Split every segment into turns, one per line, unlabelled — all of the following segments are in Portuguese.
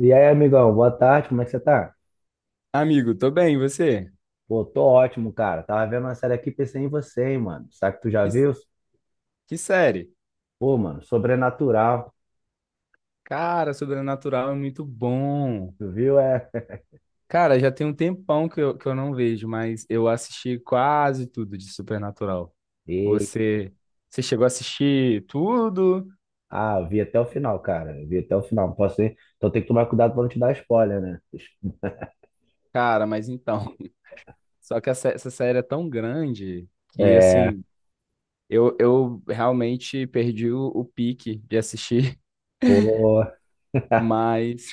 E aí, amigão, boa tarde, como é que você tá?
Amigo, tô bem, e você?
Pô, tô ótimo, cara. Tava vendo uma série aqui e pensei em você, hein, mano. Sabe que tu já
Que,
viu?
que série?
Pô, mano, Sobrenatural.
Cara, Sobrenatural é muito bom.
Tu viu? É.
Cara, já tem um tempão que eu não vejo, mas eu assisti quase tudo de Supernatural.
E...
Você, você chegou a assistir tudo?
Ah, eu vi até o final, cara. Eu vi até o final. Não posso ir. Então tem que tomar cuidado pra não te dar spoiler, né?
Cara, mas então. Só que essa série é tão grande que,
É,
assim, eu realmente perdi o pique de assistir,
pô.
mas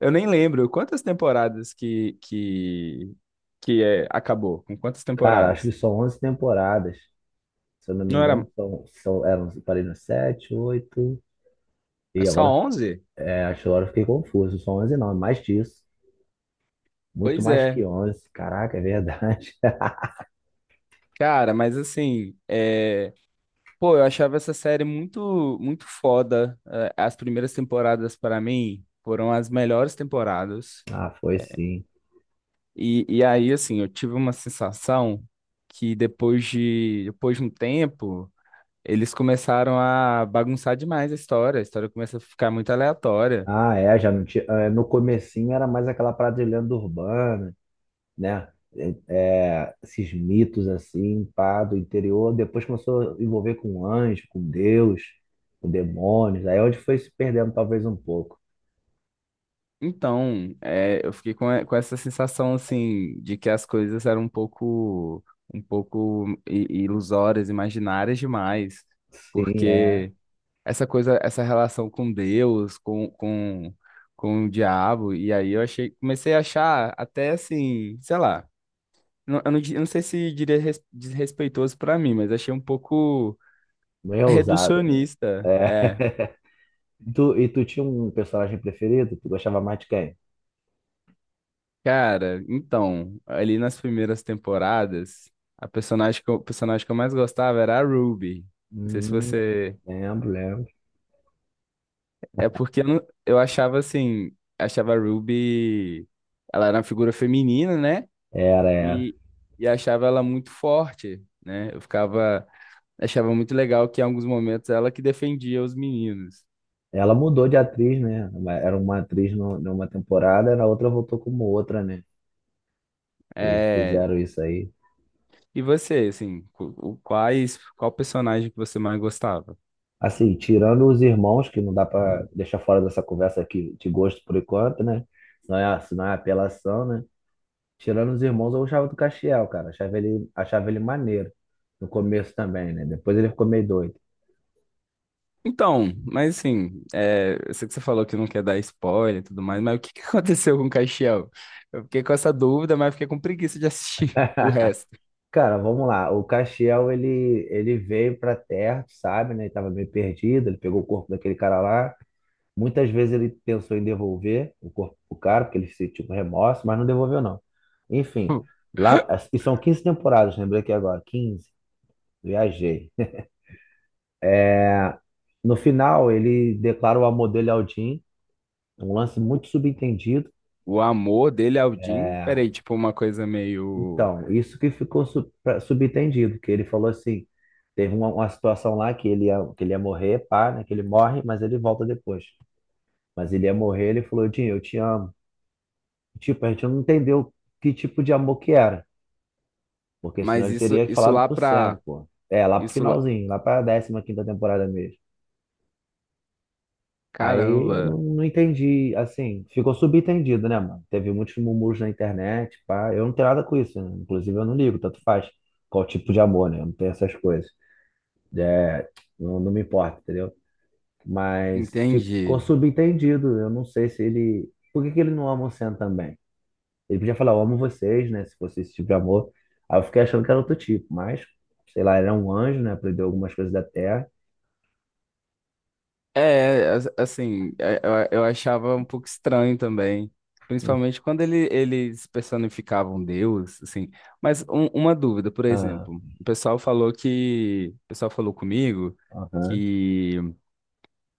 eu nem lembro quantas temporadas que é, acabou, com quantas
Cara, acho que
temporadas?
são 11 temporadas. Se eu não me
Não
engano,
era
são eram, parei no 7, oito.
é
E
só
agora,
11?
acho que agora eu fiquei confuso. São 11 não, é mais disso. Muito
Pois
mais que
é.
11. Caraca, é verdade.
Cara, mas assim, pô, eu achava essa série muito foda. É, as primeiras temporadas, para mim, foram as melhores temporadas.
Ah, foi sim.
E aí, assim, eu tive uma sensação que depois de um tempo, eles começaram a bagunçar demais a história. A história começa a ficar muito aleatória.
Ah, é, já não tinha. No comecinho era mais aquela parada de lenda urbana, né? É, é, esses mitos assim, pá, do interior. Depois começou a envolver com anjo, com Deus, com demônios. Aí é onde foi se perdendo talvez um pouco.
Então, é, eu fiquei com essa sensação assim de que as coisas eram um pouco ilusórias, imaginárias demais,
Sim, é.
porque essa relação com Deus, com o diabo, e aí eu comecei a achar até assim, sei lá, eu eu não sei se diria desrespeitoso para mim, mas achei um pouco
Meio ousado, né?
reducionista,
É.
é.
E tu tinha um personagem preferido? Tu gostava mais de quem?
Cara, então, ali nas primeiras temporadas, a personagem o personagem que eu mais gostava era a Ruby. Não sei se
Hum,
você.
lembro, lembro.
É porque eu, não- eu achava assim. Achava a Ruby. Ela era uma figura feminina, né?
Era, era.
E, e achava ela muito forte, né? Eu ficava. Achava muito legal que em alguns momentos ela que defendia os meninos.
Ela mudou de atriz, né? Era uma atriz numa temporada, na outra voltou como outra, né? Eles
É,
fizeram isso aí.
e você, assim, qual personagem que você mais gostava?
Assim, tirando os irmãos, que não dá pra deixar fora dessa conversa aqui de gosto por enquanto, né? Senão é apelação, né? Tirando os irmãos, eu gostava do Castiel, cara. Achava ele maneiro. No começo também, né? Depois ele ficou meio doido.
Então, mas assim, é, eu sei que você falou que não quer dar spoiler e tudo mais, mas o que que aconteceu com o Caixão? Eu fiquei com essa dúvida, mas fiquei com preguiça de assistir o resto.
Cara, vamos lá. O Castiel, ele veio pra Terra, tu sabe, né? Ele tava meio perdido, ele pegou o corpo daquele cara lá. Muitas vezes ele pensou em devolver o corpo pro cara, porque ele sentiu remorso, mas não devolveu, não. Enfim, lá, e são 15 temporadas, lembrei aqui agora, 15. Viajei. No final, ele declara o amor dele ao Jim, um lance muito subentendido.
O amor dele ao Jim,
É,
peraí, tipo uma coisa meio.
então, isso que ficou subentendido, que ele falou assim, teve uma situação lá que que ele ia morrer, pá, né, que ele morre, mas ele volta depois. Mas ele ia morrer, ele falou, Jim, eu te amo. Tipo, a gente não entendeu que tipo de amor que era. Porque senão
Mas
ele
isso,
teria
isso
falado
lá
pro Sam,
pra.
pô. É, lá pro
Isso lá.
finalzinho, lá pra 15ª temporada mesmo. Aí eu não,
Caramba,
não entendi, assim, ficou subentendido, né, mano? Teve muitos murmúrios na internet, pá. Eu não tenho nada com isso, né? Inclusive eu não ligo, tanto faz. Qual tipo de amor, né? Eu não tenho essas coisas. É, não, não me importa, entendeu? Mas ficou
entendi.
subentendido. Eu não sei se ele. Por que que ele não ama o Sam também? Ele podia falar, eu amo vocês, né? Se fosse esse tipo de amor. Aí eu fiquei achando que era outro tipo, mas, sei lá, ele é um anjo, né? Aprendeu algumas coisas da Terra.
É, assim, é, eu achava um pouco estranho também, principalmente quando eles personificavam Deus, assim. Mas uma dúvida, por
Ah,
exemplo, o pessoal falou comigo
aham.
que,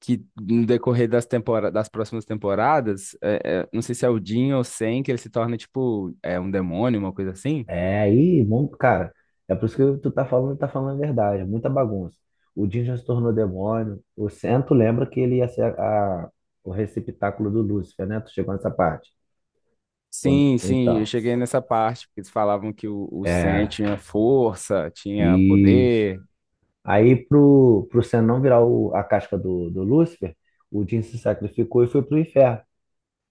que no decorrer das temporadas, das próximas temporadas, não sei se é o Jin ou o Sen, que ele se torna um demônio, uma coisa assim.
É, aí, bom, cara, é por isso que tu tá falando a verdade, é muita bagunça. O Jin já se tornou demônio. O Cento lembra que ele ia ser o receptáculo do Lúcifer, né? Tu chegou nessa parte.
Sim, sim, eu
Então,
cheguei nessa parte, porque eles falavam que o Sen
é,
tinha força, tinha
isso.
poder.
Aí, pro Sen não virar a casca do Lúcifer, o Jin se sacrificou e foi pro inferno.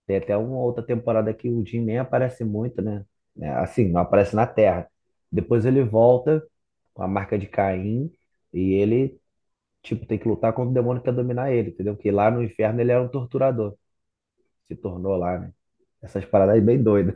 Tem até uma outra temporada que o Jim nem aparece muito, né? É, assim, não aparece na Terra. Depois ele volta com a marca de Caim e ele, tipo, tem que lutar contra o demônio que quer dominar ele, entendeu? Porque lá no inferno ele era um torturador. Se tornou lá, né? Essas paradas aí bem doidas.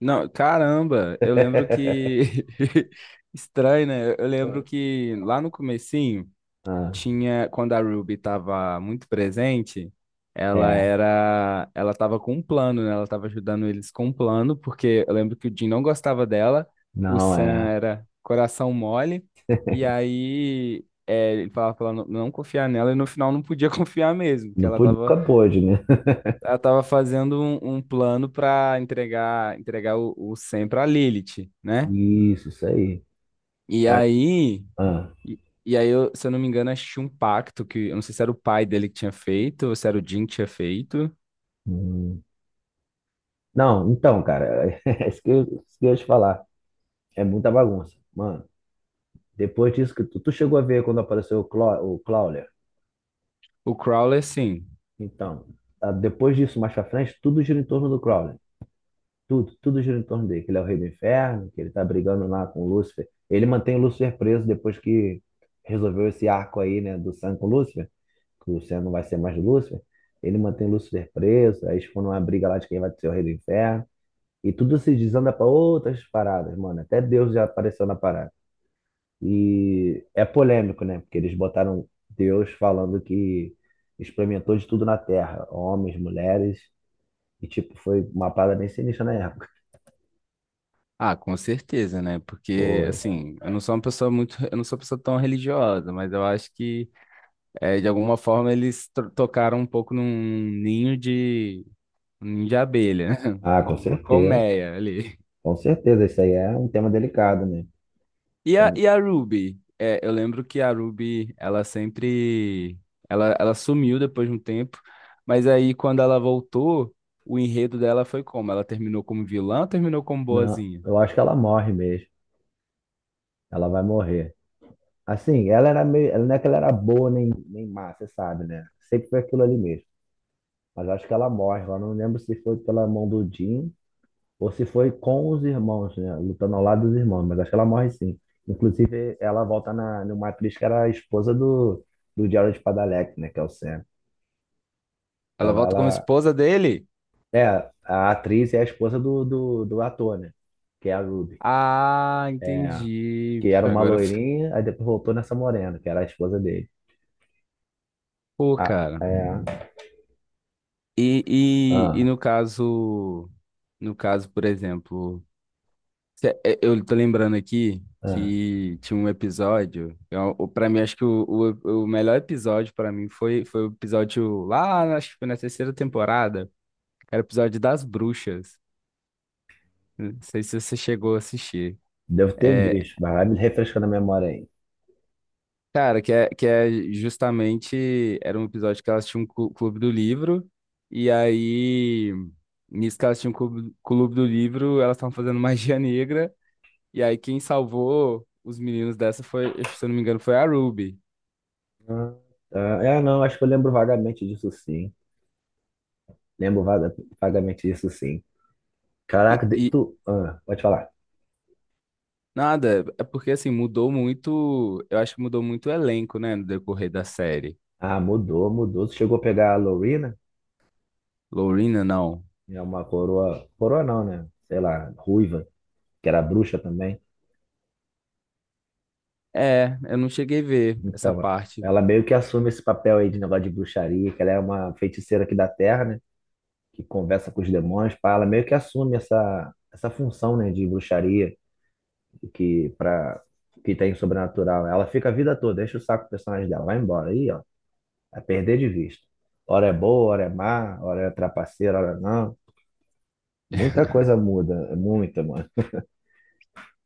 Não, caramba, eu lembro que estranho, né? Eu lembro que lá no comecinho
Ah,
tinha quando a Ruby estava muito presente,
é.
ela estava com um plano, né? Ela estava ajudando eles com um plano, porque eu lembro que o Jim não gostava dela, o
Não,
Sam
é.
era coração mole, e aí é, ele falava pra ela não confiar nela e no final não podia confiar mesmo, que
Não pude, nunca pôde, né?
ela tava fazendo um plano para entregar o Sen para Lilith, né?
Isso aí.
E
Mas,
aí,
ah,
e, e aí eu, se eu não me engano, acho que tinha um pacto que eu não sei se era o pai dele que tinha feito ou se era o Jin que tinha feito.
hum. Não, então, cara, é isso que eu ia te falar. É muita bagunça. Mano. Depois disso que tu chegou a ver quando apareceu o Crawler.
O Crowler, sim.
Então, depois disso, mais pra frente, tudo gira em torno do Crawler. Tudo gira em torno dele. Que ele é o rei do inferno, que ele tá brigando lá com o Lúcifer. Ele mantém o Lúcifer preso depois que resolveu esse arco aí, né, do Sam com o Lúcifer. Que o Sam não vai ser mais o Lúcifer. Ele mantém o Lúcifer preso. Aí eles foram numa briga lá de quem vai ser o rei do inferno. E tudo se desanda pra outras paradas, mano. Até Deus já apareceu na parada. E é polêmico, né? Porque eles botaram Deus falando que experimentou de tudo na Terra, homens, mulheres, e tipo, foi uma parada bem sinistra na época.
Ah, com certeza, né? Porque
Foi.
assim, eu não sou uma pessoa tão religiosa, mas eu acho que é, de alguma forma eles tocaram um pouco num ninho de um ninho de abelha, né?
Ah, com
Uma
certeza.
colmeia ali.
Com certeza, isso aí é um tema delicado, né?
E
Tem-
e a Ruby? É, eu lembro que a Ruby, ela sempre. Ela sumiu depois de um tempo, mas aí quando ela voltou, o enredo dela foi como? Ela terminou como vilã ou terminou como
Não,
boazinha?
eu acho que ela morre mesmo. Ela vai morrer. Assim, ela era meio, ela não é que ela era boa nem, má, você sabe, né? Sempre foi aquilo ali mesmo. Mas eu acho que ela morre. Eu não lembro se foi pela mão do Jim ou se foi com os irmãos, né? Lutando ao lado dos irmãos, mas acho que ela morre sim. Inclusive, ela volta numa atriz que era a esposa do Jared Padalecki, né? Que é o Sam.
Ela
Então
volta como
ela
esposa dele?
é a atriz é a esposa do ator, né? Que é a Ruby.
Ah,
É,
entendi.
que era uma
Agora,
loirinha, aí depois voltou nessa morena, que era a esposa dele.
pô,
Ah,
cara.
é.
E, e
Ah,
no caso. No caso, por exemplo. Eu tô lembrando aqui
ah.
que tinha um episódio. Pra mim, acho que o melhor episódio pra mim foi o episódio lá, acho que foi na terceira temporada. Era o episódio das bruxas. Não sei se você chegou a assistir.
Devo ter
É,
visto, mas vai me refrescando a memória aí.
cara, que é justamente. Era um episódio que elas tinham um clube do livro. E aí, nisso que elas tinham um clube do livro, elas estavam fazendo magia negra. E aí, quem salvou os meninos dessa foi, se eu não me engano, foi a Ruby.
Ah, não, acho que eu lembro vagamente disso sim. Lembro vagamente disso sim.
E,
Caraca,
e
tu. Pode falar.
nada, é porque assim, mudou muito. Eu acho que mudou muito o elenco, né, no decorrer da série.
Ah, mudou, mudou. Tu chegou a pegar a Lorena,
Lorena, não.
é uma coroa. Coroa não, né? Sei lá, ruiva, que era bruxa também.
É, eu não cheguei a ver essa
Então,
parte.
ela meio que assume esse papel aí de negócio de bruxaria, que ela é uma feiticeira aqui da Terra, né? Que conversa com os demônios, pá. Ela meio que assume essa função, né? De bruxaria, que, pra, que tem sobrenatural. Ela fica a vida toda, deixa o saco do personagem dela, vai embora. Aí, ó, é perder de vista. Hora é boa, hora é má, hora é trapaceira, hora não. Muita coisa muda, é muita, mano.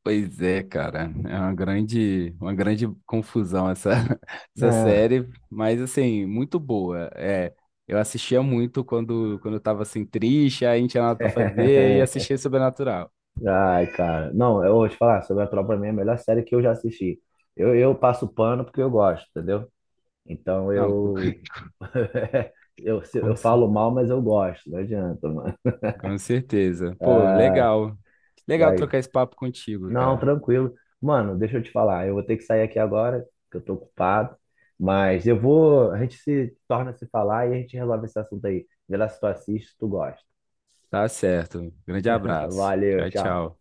Pois é, cara, é uma uma grande confusão essa, essa
É.
série, mas assim, muito boa. É, eu assistia muito quando eu tava assim triste, aí não tinha nada pra fazer e assistia Sobrenatural.
Ai, cara. Não, eu vou te falar, Sobrenatural pra mim é a melhor série que eu já assisti. Eu passo pano porque eu gosto, entendeu? Então
Não, com,
eu, eu, se-
com,
eu
cer-
falo mal, mas eu gosto, não adianta, mano.
com certeza. Pô, legal. Legal
Ai,
trocar esse papo contigo,
não,
cara.
tranquilo. Mano, deixa eu te falar, eu vou ter que sair aqui agora, que eu tô ocupado, mas eu vou, a gente se torna a se falar e a gente resolve esse assunto aí. Vê lá se tu assiste, se tu gosta.
Tá certo. Grande abraço.
Valeu,
Tchau,
tchau.
tchau.